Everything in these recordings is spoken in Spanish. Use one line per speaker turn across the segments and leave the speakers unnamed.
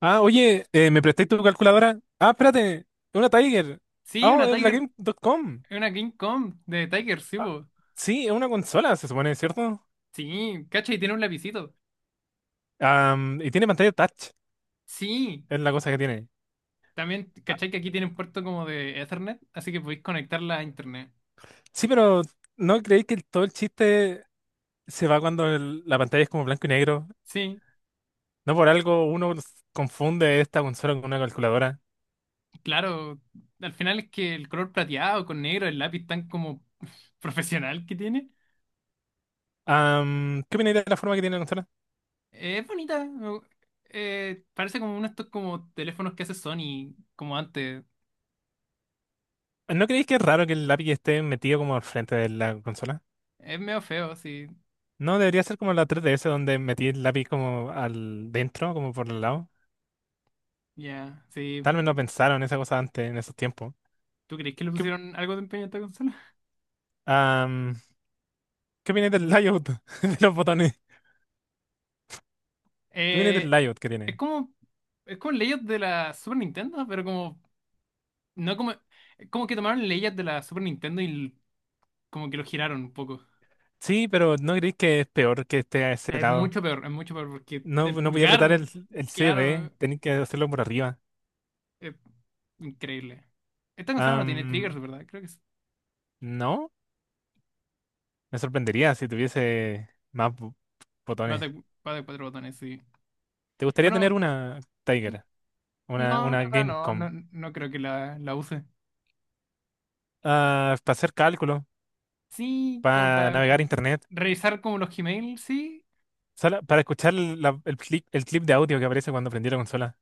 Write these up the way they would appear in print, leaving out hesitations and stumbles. ¿Me prestáis tu calculadora? Ah, espérate, es una Tiger.
Sí,
Oh,
una
es la
Tiger,
Game.com.
una King Kong de Tiger, sí,
Ah,
po.
sí, es una consola, se supone, ¿cierto?
Sí, ¿cachai? Tiene un lapicito.
Y tiene pantalla touch,
Sí.
es la cosa que tiene.
También,
Ah,
¿cachai? Que aquí tiene un puerto como de Ethernet, así que podéis conectarla a internet.
sí, pero ¿no creéis que todo el chiste se va cuando la pantalla es como blanco y negro?
Sí,
No por algo confunde esta consola con una calculadora.
claro. Al final es que el color plateado con negro, el lápiz tan como profesional que tiene.
¿Qué opináis de la forma que tiene la consola?
Es bonita. Parece como uno de estos como teléfonos que hace Sony, como antes.
¿No creéis que es raro que el lápiz esté metido como al frente de la consola?
Es medio feo, sí.
No, debería ser como la tres D S donde metí el lápiz como al dentro, como por el lado.
Ya, sí.
Tal vez no pensaron esa cosa antes, en esos tiempos.
¿Tú crees que le
¿Qué,
pusieron algo de empeño a esta consola?
am, ¿Qué viene del layout de los botones? ¿Qué viene del
Eh,
layout que
es
tiene?
como. Es como leyes de la Super Nintendo, pero como. No como. Es como que tomaron leyes de la Super Nintendo y como que lo giraron un poco.
Sí, pero ¿no creéis que es peor que esté a ese lado?
Es mucho peor, porque
No,
el
no podía
pulgar,
apretar el C D
claro,
tenéis que hacerlo por arriba.
es increíble. Esta consola no tiene triggers,
Am,
¿verdad? Creo que es
no, me sorprendería si tuviese más
más
botones.
de, más de cuatro botones, sí.
¿Te gustaría
Bueno,
tener una
n-
Tiger?
no, en
Una
verdad no, no,
Gamecom.
no creo que la use.
Ah, para hacer cálculo,
Sí, como
para
para
navegar internet.
revisar como los Gmail, sí.
Solo para escuchar el clip de audio que aparece cuando prendí la consola,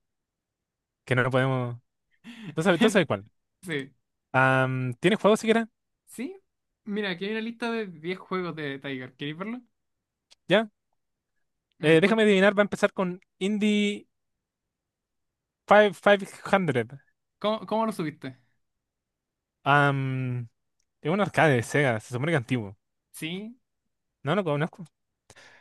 que no lo podemos. ¿Tú sabes cuál?
Sí.
¿Tienes juego siquiera?
Sí, mira, aquí hay una lista de 10 juegos de Tiger. ¿Queréis verlo?
¿Ya?
En el
Déjame adivinar, va a empezar con Indie 5 500.
¿Cómo lo subiste?
Am, es un arcade de Sega, se supone que antiguo.
Sí,
No lo conozco.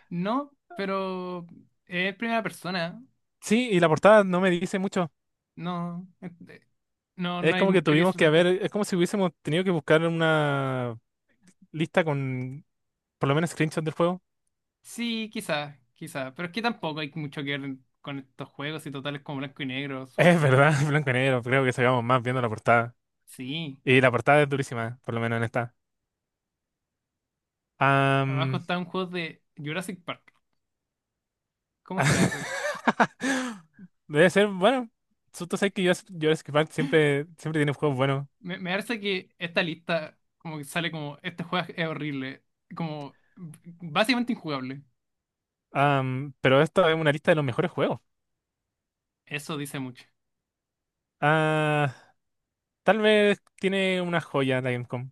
no, pero es primera persona.
Sí, y la portada no me dice mucho.
No, no, no
Es
hay
como que
mucho que
tuvimos
decir de
que haber,
esto.
es como si hubiésemos tenido que buscar una lista con por lo menos screenshots del juego.
Sí, quizás, quizás, pero es que tampoco hay mucho que ver con estos juegos y totales como blanco y negro, súper
Es
feo.
verdad, blanco y negro, creo que sacamos más viendo la portada.
Sí,
Y la portada es durísima, por lo menos en esta.
abajo
Am,
está un juego de Jurassic Park. ¿Cómo será eso?
debe ser, bueno, tú sabes que yo Jurassic Park siempre tiene juegos buenos.
Me parece que esta lista como que sale como, este juego es horrible, como básicamente injugable.
Pero esta es una lista de los mejores juegos.
Eso dice mucho.
Ah, Tal vez tiene una joya la Gamecom.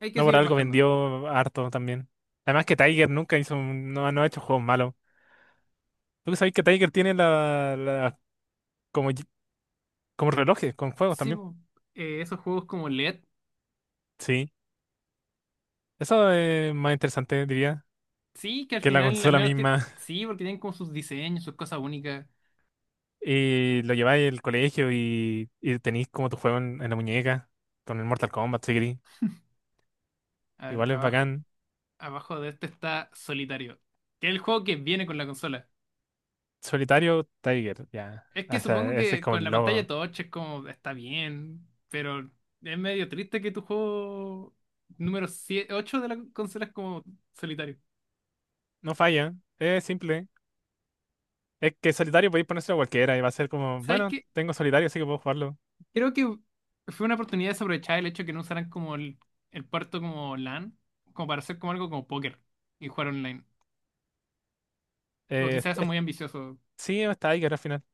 Hay que
No por
seguir
algo
bajando.
vendió harto también. Además que Tiger nunca hizo, no, no ha hecho juegos malos. Tú sabes que Tiger tiene como, como relojes con juegos
Sí,
también.
po. Esos juegos como LED,
Sí. Eso es más interesante, diría,
sí, que al
que la
final, al
consola
menos,
misma.
sí, porque tienen como sus diseños, sus cosas únicas.
Y lo lleváis al colegio y tenéis como tu juego en la muñeca con el Mortal Kombat, si queréis.
A ver,
Igual es
abajo,
bacán.
abajo de este está Solitario, que es el juego que viene con la consola.
Solitario Tiger, ya.
Es que
O
supongo
sea, ese es
que
como
con
el
la pantalla
logo.
touch es como, está bien, pero es medio triste que tu juego número 8 de la consola es como Solitario.
No falla, es simple. Es que solitario podéis ponérselo a cualquiera y va a ser como,
¿Sabes
bueno,
qué?
tengo solitario, así que puedo jugarlo.
Creo que fue una oportunidad desaprovechada el hecho de que no usaran como el puerto como LAN, como para hacer como algo como póker y jugar online. O
Eh,
quizás eso es
es-
muy ambicioso,
sí, está Tiger al final.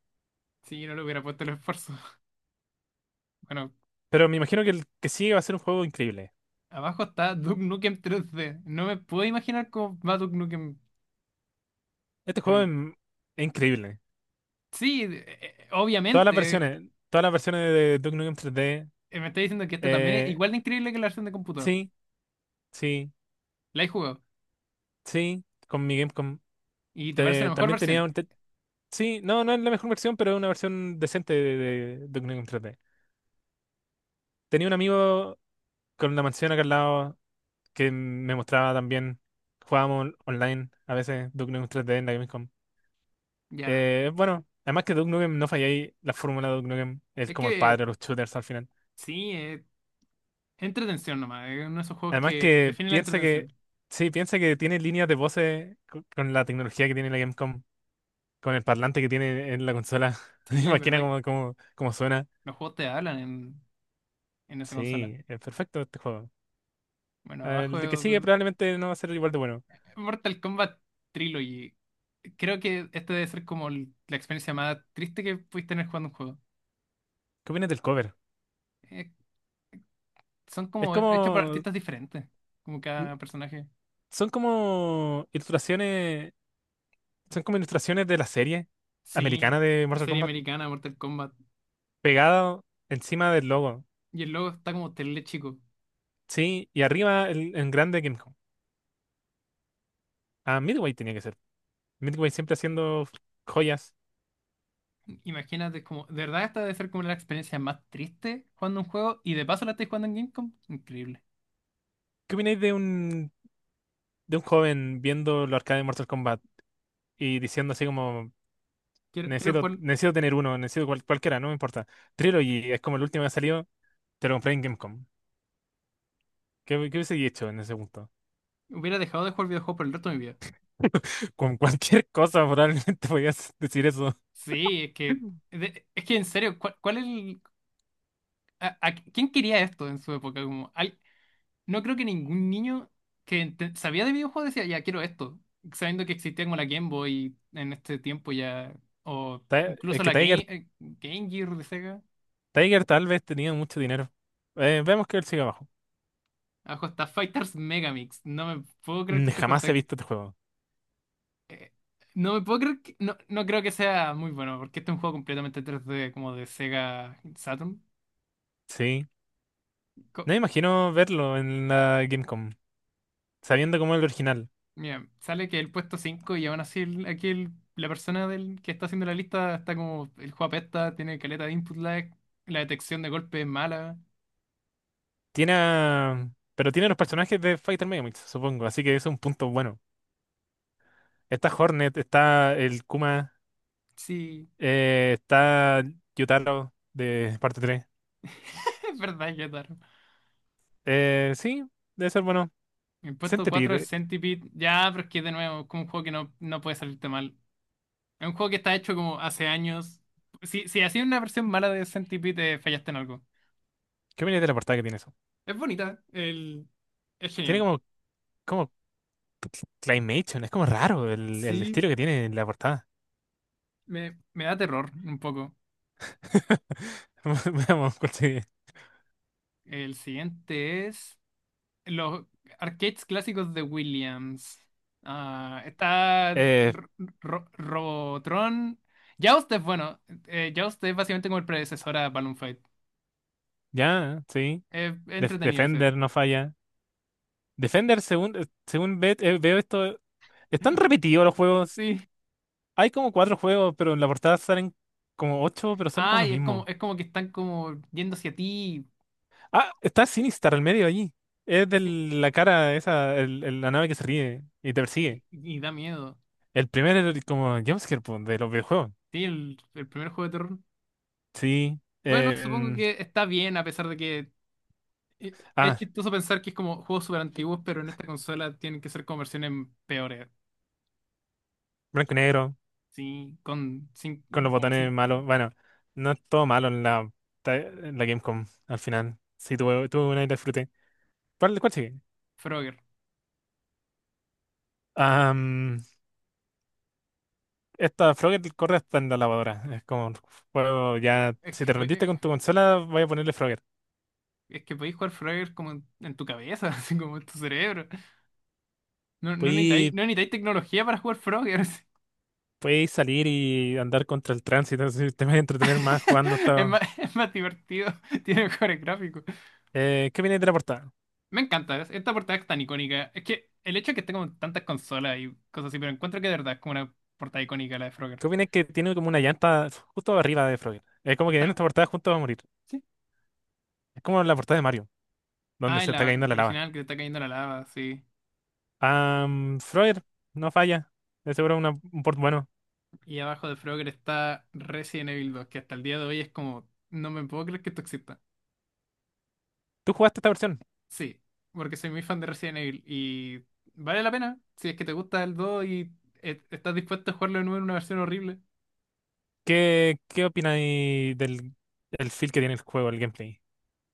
si no le hubiera puesto el esfuerzo. Bueno,
Pero me imagino que el que sigue va a ser un juego increíble.
abajo está Duke Nukem 3D. No me puedo imaginar cómo va Duke Nukem.
Este
En
juego
el-
es increíble.
Sí,
Todas las
obviamente.
versiones, todas las versiones de Duke Nukem 3D,
Me está diciendo que este también es
eh,
igual de increíble que la versión de computador.
sí, sí,
La he jugado.
sí. Con mi Game
Y te parece la mejor
También tenía
versión.
un... sí, no, no es la mejor versión, pero es una versión decente de Duke Nukem 3D. Tenía un amigo con la mansión acá al lado que me mostraba también. Jugábamos online a veces Duke Nukem 3D en la Gamescom.
Ya.
Bueno, además que Duke Nukem no falla ahí, la fórmula de Duke Nukem es
Es
como el padre
que
de los shooters al final.
sí, entretención nomás. Es uno de esos juegos
Además
que
que
define la
piensa que...
entretención.
Sí, piensa que tiene líneas de voces con, la tecnología que tiene la Gamescom, con el parlante que tiene en la consola.
Sí,
Imagina
verdad que
cómo suena.
los juegos te hablan en esa consola.
Sí, es perfecto este juego.
Bueno, abajo
El de que sigue probablemente no va a ser igual de bueno.
Mortal Kombat Trilogy. Creo que este debe ser como la experiencia más triste que pudiste tener jugando un juego.
¿Qué opinas del cover?
Eh, Son
Es
como hechos por
como...
artistas diferentes, como
n-
cada personaje.
son como ilustraciones... Son como ilustraciones de la serie americana
Sí,
de
la
Mortal
serie
Kombat
americana Mortal Kombat.
pegado encima del logo.
Y el logo está como tele chico.
Sí, y arriba el, en grande Game Home. Ah, Midway tenía que ser. Midway siempre haciendo joyas.
Imagínate, como, de verdad esta debe ser como la experiencia más triste jugando un juego y de paso la estoy jugando en Gamecom. Increíble.
¿Qué opináis de un, ¿de un joven viendo los arcades de Mortal Kombat y diciendo así como...
Quiero, quiero jugar.
Necesito tener uno, necesito cualquiera, no me importa. Trilogy es como el último que ha salido. Te lo compré en Gamecom. ¿Qué hubiese hecho en ese punto?
Hubiera dejado de jugar videojuegos por el resto de mi vida.
Con cualquier cosa probablemente podías decir eso.
Sí, es que, es que en serio, ¿cuál es el, ¿quién quería esto en su época? Como, no creo que ningún niño que sabía de videojuegos decía, ya quiero esto, sabiendo que existía como la Game Boy en este tiempo ya, o
Ti- Es
incluso
que
la
Tiger,
Game Gear de Sega.
Tiger tal vez tenía mucho dinero. Veamos que él sigue abajo.
Abajo está Fighters Megamix. No me puedo creer
Mm,
que este juego
jamás he
está.
visto este juego.
eh, no me puedo creer que. No, no creo que sea muy bueno, porque este es un juego completamente 3D como de Sega Saturn.
Sí. No me imagino verlo en la Gamecom, sabiendo cómo es el original.
Mira, sale que el puesto 5 y aún así aquí la persona del, que está haciendo la lista está como el juego apesta, tiene caleta de input lag, la detección de golpe es mala.
Tiene a- Pero tiene los personajes de Fighter Megamix, supongo, así que eso es un punto bueno. Está Hornet, está el Kuma,
Sí,
está Yutaro de parte 3.
es verdad, Yotaro.
Sí, debe ser bueno.
El puesto 4 es
Centipede,
Centipede. Ya, pero es que de nuevo, es como un juego que no, no puede salirte mal. Es un juego que está hecho como hace años. Si hacías una versión mala de Centipede, fallaste en algo.
¿qué opinas de la portada que tiene eso?
Es bonita, es
Tiene
genial.
como, como claymation, es como raro el
Sí,
estilo que tiene en la portada.
me da terror un poco.
Veamos cuál sigue.
El siguiente es. Los arcades clásicos de Williams. Ah, está
Eh,
Robotron. Joust es bueno. Joust es básicamente como el predecesor a Balloon Fight.
ya, sí.
Es entretenido ese.
Defender no falla. Defender, según veo esto, están repetidos los juegos.
Sí.
Hay como cuatro juegos, pero en la portada salen como ocho, pero son como los
Ay,
mismos.
es como que están como yendo hacia ti.
Ah, está Sinistar al medio allí. Es de
Sí.
la cara esa, la nave que se ríe y te
Y,
persigue.
y da miedo.
Como jumpscare po, de los videojuegos.
Sí, el primer juego de terror.
Sí.
Bueno, supongo que está bien, a pesar de que es
Ah,
chistoso pensar que es como juegos súper antiguos, pero en esta consola tienen que ser como versiones peores.
blanco y negro,
Sí, con
con los
como
botones malos. Bueno, no es todo malo en en la Gamecom al final. Sí, tuve una y la disfruté. ¿Cuál sigue?
Frogger.
Am, esta Frogger corre hasta en la lavadora. Es como un juego ya.
Es
Si
que,
te rendiste con tu consola, voy a ponerle Frogger.
podéis jugar Frogger como en tu cabeza, así como en tu cerebro. No, no necesitáis,
Puedes,
no necesitáis tecnología para jugar Frogger así.
puedes salir y andar contra el tránsito. Si te vas a entretener más jugando
Es más,
esta.
es más divertido, tiene mejores gráficos.
¿Qué viene de la portada?
Me encanta, esta portada es tan icónica. Es que el hecho de que esté como en tantas consolas y cosas así, pero encuentro que de verdad es como una portada icónica la de Frogger.
¿Qué viene que tiene como una llanta justo arriba de Frogger? Es como que
Está,
en esta portada juntos va a morir.
sí.
Es como la portada de Mario, donde
Ah, en
se está
la
cayendo la lava.
original que te está cayendo la lava, sí.
Freud, no falla. De seguro un port bueno.
Y abajo de Frogger está Resident Evil 2 que hasta el día de hoy es como, no me puedo creer que esto exista.
¿Tú jugaste esta versión?
Sí, porque soy muy fan de Resident Evil y vale la pena si es que te gusta el 2 y estás dispuesto a jugarlo de nuevo en una versión horrible,
¿Qué opináis del el feel que tiene el juego, el gameplay?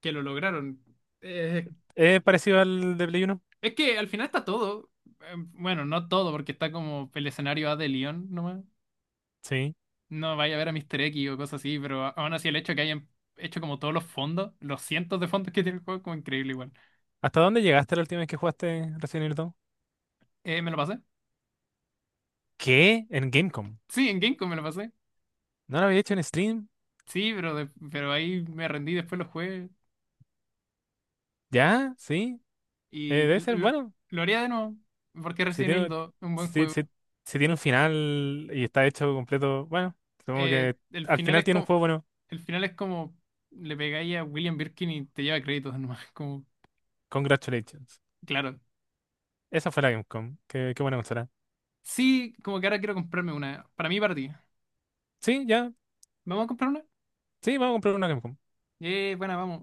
que lo lograron. Eh,
¿Es parecido al de Play 1?
es que al final está todo. Bueno, no todo, porque está como el escenario A de Leon nomás.
Sí.
No vaya a ver a Mr. X o cosas así, pero aún así el hecho de que hayan hecho como todos los fondos, los cientos de fondos que tiene el juego, como increíble igual.
¿Hasta dónde llegaste la última vez que jugaste Resident Evil 2?
¿Me lo pasé?
¿Qué? ¿En Gamecom?
Sí, en Gamecom me lo pasé.
¿No lo había hecho en stream?
Sí, pero ahí me rendí, después lo jugué.
¿Ya? ¿Sí?
Y
Debe ser
lo,
bueno.
lo haría de nuevo, porque
Si
Resident Evil
tiene,
2 es un
si,
buen juego.
si- si tiene un final y está hecho completo, bueno, supongo
Eh,
que
el
al
final
final
es
tiene un
como,
juego bueno.
el final es como le pegáis a William Birkin y te lleva créditos nomás, como,
Congratulations.
claro.
Esa fue la Gamecom. Qué buena consola.
Sí, como que ahora quiero comprarme una, para mí y para ti.
Sí, ya.
¿Vamos a comprar una?
Sí, vamos a comprar una Gamecom.
Bueno, vamos.